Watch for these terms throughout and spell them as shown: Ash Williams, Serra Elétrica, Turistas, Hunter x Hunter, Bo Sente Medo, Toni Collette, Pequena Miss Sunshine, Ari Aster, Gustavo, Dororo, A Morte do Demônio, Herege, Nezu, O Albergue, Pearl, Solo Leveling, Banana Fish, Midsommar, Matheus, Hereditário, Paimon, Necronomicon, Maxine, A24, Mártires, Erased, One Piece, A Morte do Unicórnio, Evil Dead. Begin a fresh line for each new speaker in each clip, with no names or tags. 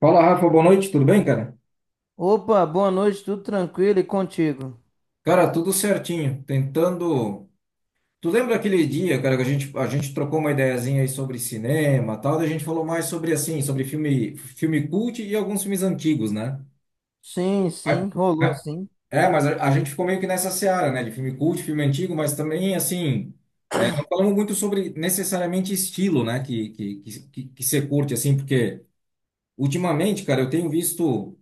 Fala, Rafa, boa noite, tudo bem, cara?
Opa, boa noite, tudo tranquilo e contigo?
Cara, tudo certinho, tentando... Tu lembra aquele dia, cara, que a gente trocou uma ideiazinha aí sobre cinema, tal, daí a gente falou mais sobre, assim, sobre filme cult e alguns filmes antigos, né?
Sim,
A-
sim, rolou
a-
sim.
A gente ficou meio que nessa seara, né, de filme cult, filme antigo, mas também, assim, não falamos muito sobre necessariamente estilo, né, que você curte, assim, porque ultimamente, cara, eu tenho visto...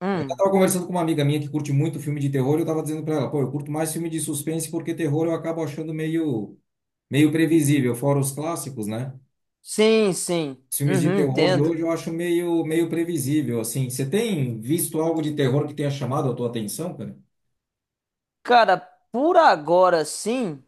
Hum,
Tava conversando com uma amiga minha que curte muito filme de terror, e eu tava dizendo pra ela, pô, eu curto mais filme de suspense porque terror eu acabo achando meio previsível, fora os clássicos, né?
sim, sim.
Os filmes de
Uhum,
terror de
entendo.
hoje eu acho meio previsível, assim. Você tem visto algo de terror que tenha chamado a tua atenção, cara?
Cara, por agora sim,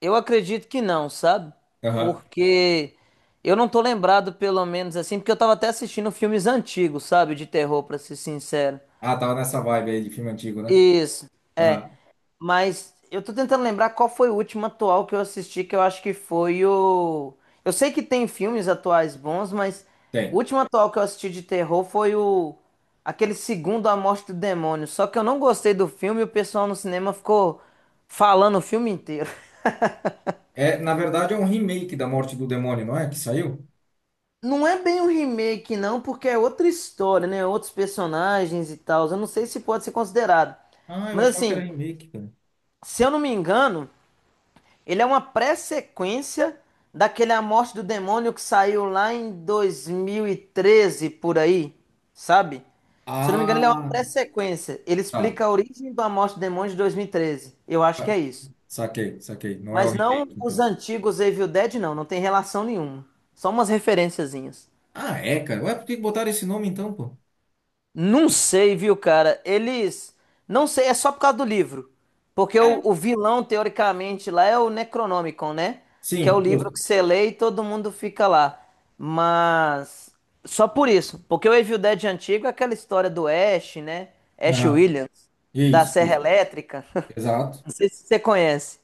eu acredito que não, sabe?
Aham.
Porque eu não tô lembrado, pelo menos assim, porque eu tava até assistindo filmes antigos, sabe? De terror, pra ser sincero.
Ah, tava nessa vibe aí de filme antigo, né?
Isso, é.
Aham.
Mas eu tô tentando lembrar qual foi o último atual que eu assisti, que eu acho que foi o. Eu sei que tem filmes atuais bons, mas o
Tem.
último atual que eu assisti de terror foi o. Aquele segundo A Morte do Demônio. Só que eu não gostei do filme e o pessoal no cinema ficou falando o filme inteiro.
É, na verdade é um remake da Morte do Demônio, não é? Que saiu?
Não é bem um remake, não, porque é outra história, né? Outros personagens e tal. Eu não sei se pode ser considerado.
Ah, eu
Mas
achava que era
assim,
remake, cara.
se eu não me engano. Ele é uma pré-sequência daquele A Morte do Demônio que saiu lá em 2013, por aí, sabe? Se eu não me engano, ele é uma
Ah,
pré-sequência. Ele
tá.
explica a origem do A Morte do Demônio de 2013. Eu acho que é isso.
Saquei, saquei. Não é o
Mas
remake,
não os
então.
antigos Evil Dead, não. Não tem relação nenhuma. Só umas referenciazinhas.
Ah, é, cara. Ué, por que que botaram esse nome então, pô?
Não sei, viu, cara? Eles. Não sei, é só por causa do livro. Porque o
É.
vilão, teoricamente, lá é o Necronomicon, né? Que é o
Sim,
livro
justo.
que você lê e todo mundo fica lá. Mas. Só por isso. Porque o Evil Dead antigo é aquela história do Ash, né? Ash
Aham.
Williams, da
Isso,
Serra
isso.
Elétrica.
Exato.
Não sei se você conhece.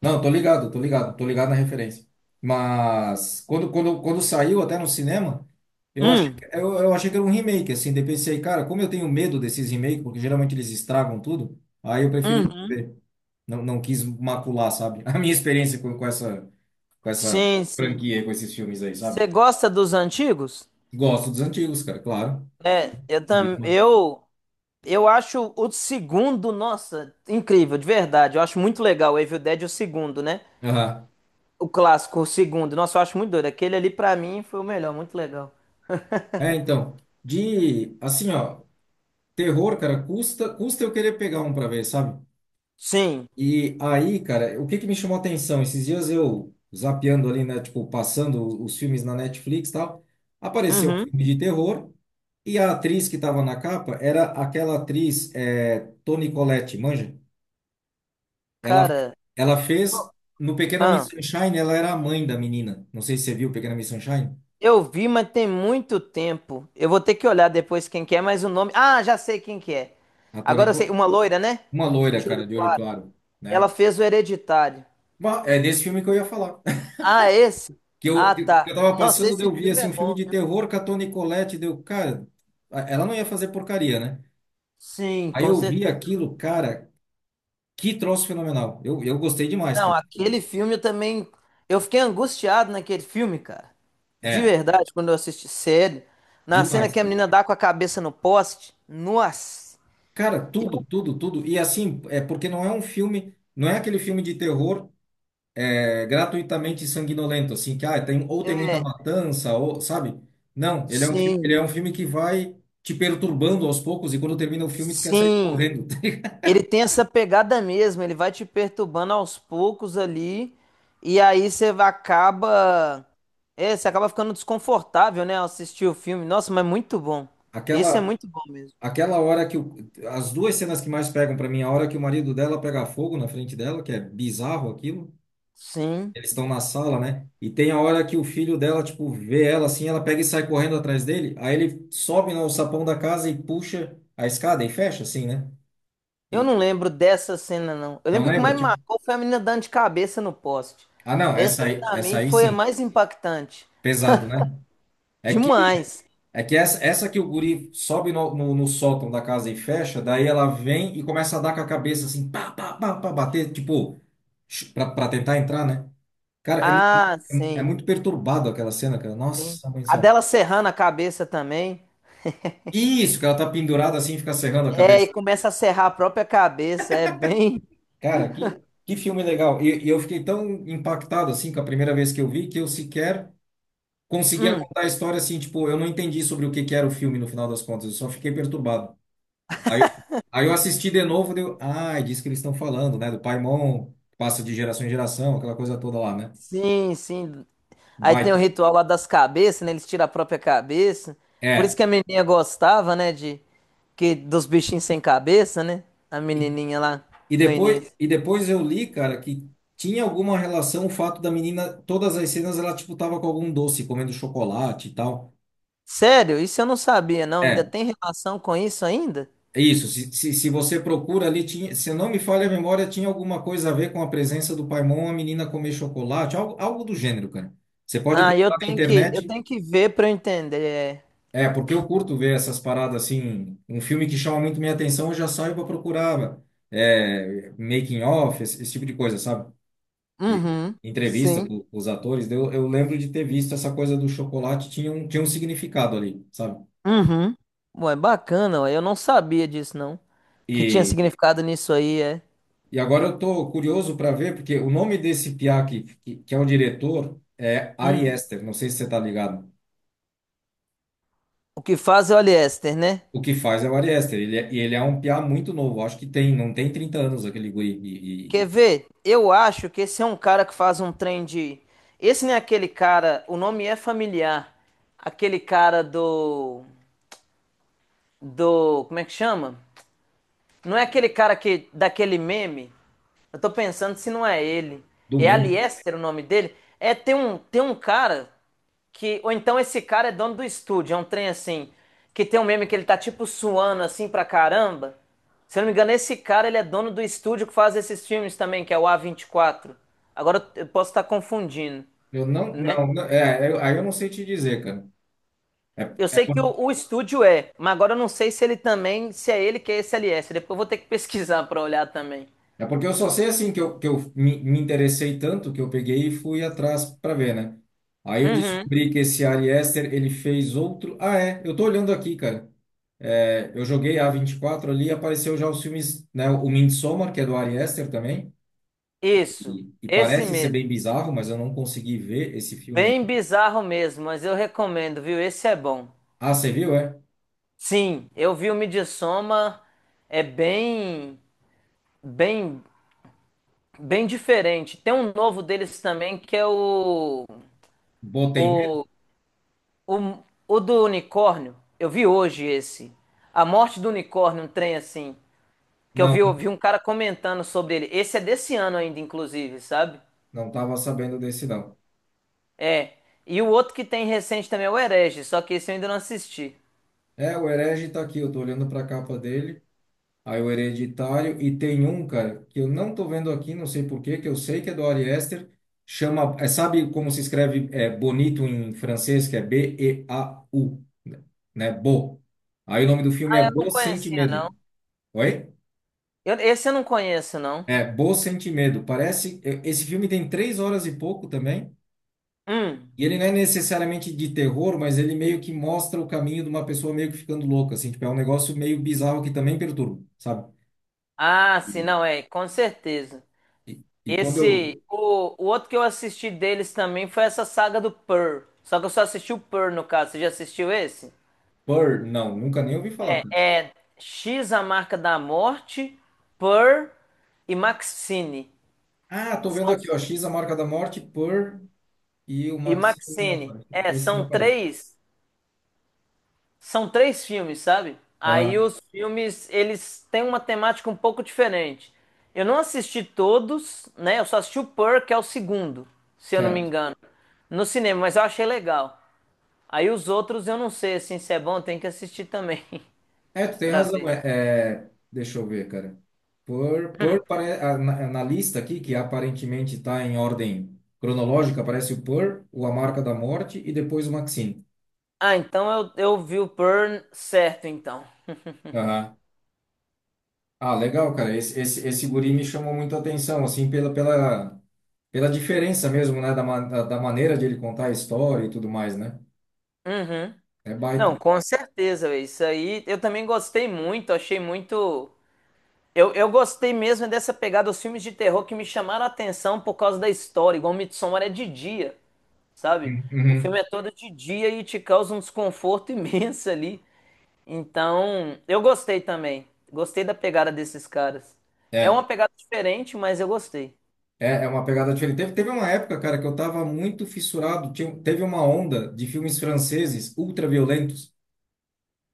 Não, tô ligado, tô ligado, tô ligado na referência. Mas quando saiu até no cinema, eu
Hum,
eu achei que era um remake, assim. Daí pensei, cara, como eu tenho medo desses remakes, porque geralmente eles estragam tudo, aí eu preferi não
uhum.
ver. Não, não quis macular, sabe? A minha experiência com essa, com essa
Sim, sim.
franquia, com esses filmes aí, sabe?
Você gosta dos antigos?
Gosto dos antigos, cara, claro.
É, eu
Ouvi
também.
demais.
Eu. Eu acho o segundo, nossa, incrível, de verdade. Eu acho muito legal o Evil Dead, o segundo, né?
Aham.
O clássico, o segundo. Nossa, eu acho muito doido. Aquele ali, pra mim, foi o melhor, muito legal.
É, então, de assim, ó, terror, cara, custa eu querer pegar um pra ver, sabe?
Sim.
E aí, cara, o que que me chamou a atenção? Esses dias eu zapeando ali, né, tipo, passando os filmes na Netflix e tal, apareceu um
Uhum.
filme de terror e a atriz que tava na capa era aquela atriz, Toni Collette, manja? Ela,
Cara,
ela fez
qual-
no Pequena Miss
ah,
Sunshine, ela era a mãe da menina. Não sei se você viu Pequena Miss Sunshine,
eu vi, mas tem muito tempo. Eu vou ter que olhar depois quem que é, mas o nome. Ah, já sei quem que é.
a Toni,
Agora eu sei,
Co-
uma loira, né?
uma loira,
De olho
cara, de olho
claro.
claro.
Ela
Né?
fez o Hereditário.
É desse filme que eu ia falar.
Ah, esse?
Que eu,
Ah,
que
tá.
eu tava
Nossa,
passando, daí
esse
eu vi
filme
assim,
é
um filme
bom,
de
viu?
terror com a Toni Collette, deu, cara, ela não ia fazer porcaria, né?
Sim,
Aí
com
eu vi
certeza.
aquilo, cara, que troço fenomenal. Eu gostei demais,
Não,
cara.
aquele filme eu também. Eu fiquei angustiado naquele filme, cara. De
É,
verdade, quando eu assisti sério. Na cena
demais,
que a
cara.
menina dá com a cabeça no poste. Nossa!
Cara, tudo. E assim, é porque não é um filme, não é aquele filme de terror gratuitamente sanguinolento, assim, que ah, tem, ou tem muita
É,
matança, ou, sabe? Não, ele
sim,
é um filme que vai te perturbando aos poucos e quando termina o filme tu quer sair
sim.
correndo.
Ele tem essa pegada mesmo. Ele vai te perturbando aos poucos ali. E aí acaba. É, você acaba ficando desconfortável, né, ao assistir o filme. Nossa, mas muito bom. Esse é
Aquela,
muito bom mesmo.
aquela hora que o, as duas cenas que mais pegam pra mim, a hora que o marido dela pega fogo na frente dela, que é bizarro aquilo.
Sim.
Eles estão na sala, né? E tem a hora que o filho dela, tipo, vê ela assim, ela pega e sai correndo atrás dele. Aí ele sobe no sapão da casa e puxa a escada e fecha, assim, né?
Eu
E
não
e-
lembro dessa cena, não. Eu lembro
não
que o que
lembra?
mais me
Tipo,
marcou foi a menina dando de cabeça no poste.
ah, não,
Essa,
essa
aí,
aí,
pra
essa
mim,
aí
foi a
sim.
mais impactante.
Pesado, né? É que
Demais.
É que essa que o guri sobe no sótão da casa e fecha, daí ela vem e começa a dar com a cabeça assim, pá, pá, pá, pá, bater, tipo, pra tentar entrar, né? Cara, é, mu-
Ah,
é, mu- É
sim,
muito perturbado aquela cena, cara.
sim.
Nossa, mãe do
A
céu.
dela serrando a cabeça também.
Isso, que ela tá pendurada assim, e fica serrando a
É, e
cabeça.
começa a serrar a própria cabeça. É bem.
Cara, que filme legal. E eu fiquei tão impactado assim com a primeira vez que eu vi que eu sequer conseguia contar a história assim, tipo, eu não entendi sobre o que que era o filme no final das contas, eu só fiquei perturbado. Aí, eu- aí eu assisti de novo, deu, ah, é disso que eles estão falando, né? Do Paimon, que passa de geração em geração, aquela coisa toda lá, né?
Sim, sim. Aí tem o
Baita.
ritual lá das cabeças, né? Eles tiram a própria cabeça. Por isso
É.
que a menininha gostava, né? De que dos bichinhos sem cabeça, né? A
E,
menininha lá no início.
e depois eu li, cara, que tinha alguma relação o fato da menina, todas as cenas ela, tipo, tava com algum doce, comendo chocolate e tal.
Sério? Isso eu não sabia, não. Ainda
É,
tem relação com isso ainda?
é isso. Se você procura ali, tinha, se não me falha a memória, tinha alguma coisa a ver com a presença do Paimon, a menina comer chocolate, algo do gênero, cara. Você pode
Ah,
procurar na
eu
internet.
tenho que ver para eu entender, é.
É, porque eu curto ver essas paradas assim. Um filme que chama muito minha atenção, eu já saio para procurar making of, esse tipo de coisa, sabe? E
Uhum.
entrevista
Sim.
com os atores. Daí eu lembro de ter visto essa coisa do chocolate, tinha um significado ali, sabe?
Uhum. Ué, bacana, ué. Eu não sabia disso, não. Que tinha
E,
significado nisso aí, é.
e agora eu tô curioso para ver, porque o nome desse piá que é o diretor é Ari
Hum.
Aster, não sei se você tá ligado.
O que faz é Oliéster, né?
O que faz é o Ari Aster, e ele é um piá muito novo, acho que tem, não tem 30 anos aquele guri,
Quer ver? Eu acho que esse é um cara que faz um trem de. Esse não é aquele cara, o nome é familiar. Aquele cara do. Do. Como é que chama? Não é aquele cara que daquele meme? Eu tô pensando se não é ele.
do
É
meme.
Aliester o nome dele? É, tem um cara que. Ou então esse cara é dono do estúdio, é um trem assim. Que tem um meme que ele tá tipo suando assim pra caramba. Se eu não me engano, esse cara ele é dono do estúdio que faz esses filmes também, que é o A24. Agora eu posso estar confundindo,
Eu não,
né?
não, não- é, eu- Aí eu não sei te dizer, cara.
Eu
É,
sei que o estúdio é, mas agora eu não sei se ele também, se é ele que é esse LS. Depois eu vou ter que pesquisar pra olhar também.
é porque eu só sei assim que eu me interessei tanto que eu peguei e fui atrás para ver, né? Aí eu
Uhum.
descobri que esse Ari Aster, ele fez outro. Ah, é, eu tô olhando aqui, cara. É, eu joguei a 24 ali e apareceu já os filmes, né? O Midsommar, que é do Ari Aster também.
Isso, esse
Parece ser
mesmo.
bem bizarro, mas eu não consegui ver esse filme. Aí.
Bem bizarro mesmo, mas eu recomendo, viu? Esse é bom.
Ah, você viu, é?
Sim, eu vi o Midsommar, é bem, bem, bem diferente. Tem um novo deles também que é
Botei medo?
o, o, o do unicórnio. Eu vi hoje esse. A Morte do Unicórnio, um trem assim. Que
Não,
eu vi um cara comentando sobre ele. Esse é desse ano ainda, inclusive, sabe?
não tava sabendo desse não.
É. E o outro que tem recente também é o Herege, só que esse eu ainda não assisti.
É, o Herege tá aqui, eu tô olhando pra capa dele. Aí o Hereditário. E tem um, cara, que eu não tô vendo aqui, não sei por quê, que eu sei que é do Ari Aster. Chama, é, sabe como se escreve é, bonito em francês, que é Beau, né? Bo. Aí o nome do filme é
Eu não
Bo Sente
conhecia, não.
Medo. Oi?
Esse eu não conheço, não.
É, Bo Sente Medo. Parece. É, esse filme tem 3 horas e pouco também.
Hum.
E ele não é necessariamente de terror, mas ele meio que mostra o caminho de uma pessoa meio que ficando louca, assim. Tipo, é um negócio meio bizarro que também perturba, sabe?
Ah, sim,
E,
não, é, com certeza.
e, e quando eu,
Esse, o outro que eu assisti deles também foi essa saga do Pearl. Só que eu só assisti o Pearl, no caso. Você já assistiu esse?
Purr, não, nunca nem ouvi falar,
É
cara.
é X, a marca da morte, Pearl e Maxine.
Ah, tô vendo
São,
aqui, ó, X, a marca da morte, Purr e o
e
Maxine não
Maxine.
aparece.
É,
Esse não
são
aparece.
três. São três filmes, sabe? Aí
Ah,
os filmes, eles têm uma temática um pouco diferente. Eu não assisti todos, né? Eu só assisti o Purr, que é o segundo, se eu não me
certo.
engano, no cinema, mas eu achei legal. Aí os outros eu não sei, assim, se é bom, tem que assistir também,
É, tu tem
pra
razão.
ver.
É, é, deixa eu ver, cara. Purr pare, ah, na, na lista aqui, que aparentemente está em ordem cronológica, aparece o Purr, o A Marca da Morte e depois o Maxine.
Ah, então eu vi o Purr certo, então.
Aham. Ah, legal, cara. Esse guri me chamou muita atenção, assim, pela diferença mesmo, né, da da maneira de ele contar a história e tudo mais, né?
Uhum.
É
Não,
baita.
com certeza, véi, isso aí eu também gostei muito, achei muito. Eu gostei mesmo dessa pegada dos filmes de terror que me chamaram a atenção por causa da história, igual Midsommar é de dia, sabe? O
Uhum.
filme é todo de dia e te causa um desconforto imenso ali. Então, eu gostei também. Gostei da pegada desses caras. É uma
É,
pegada diferente, mas eu gostei.
É uma pegada diferente. Teve uma época, cara, que eu tava muito fissurado. Teve uma onda de filmes franceses ultra violentos,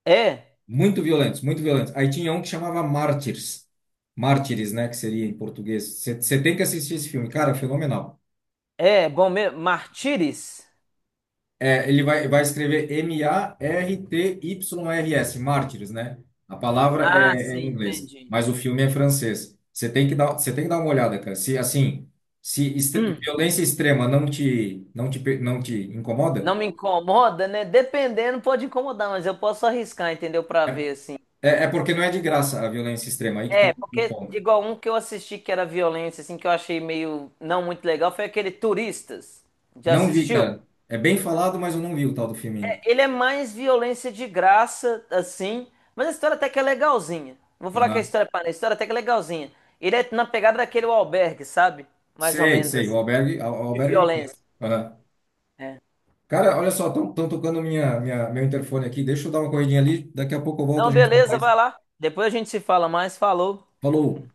É,
muito violentos. Aí tinha um que chamava Mártires. Mártires, né? Que seria em português. Você tem que assistir esse filme. Cara, é fenomenal.
é, bom mesmo. Martires?
É, vai escrever Martyrs, Mártires, né? A palavra
Ah,
é, é em
sim,
inglês,
entendi.
mas o filme é francês. Você tem que dar uma olhada, cara. Se assim, se extre-
Hum,
violência extrema não te, não te
Não
incomoda,
me incomoda, né? Dependendo, pode incomodar, mas eu posso arriscar, entendeu? Pra
é,
ver, assim.
é porque não é de graça a violência extrema. Aí que tá
É,
o
porque
ponto.
igual um que eu assisti que era violência, assim, que eu achei meio não muito legal, foi aquele Turistas. Já
Não vi,
assistiu?
cara. É bem falado, mas eu não vi o tal do filme ainda.
É, ele é mais violência de graça, assim, mas a história até que é legalzinha. Vou falar que a
Aham.
história é para a história até que é legalzinha. Ele é na pegada daquele O Albergue, sabe? Mais ou
Sei,
menos
sei.
assim,
O
de
Albergue é um
violência.
filme.
É.
Cara, olha só, estão tocando meu interfone aqui. Deixa eu dar uma corridinha ali. Daqui a pouco eu volto, a
Não,
gente fala
beleza,
mais.
vai lá. Depois a gente se fala mais, falou.
Falou!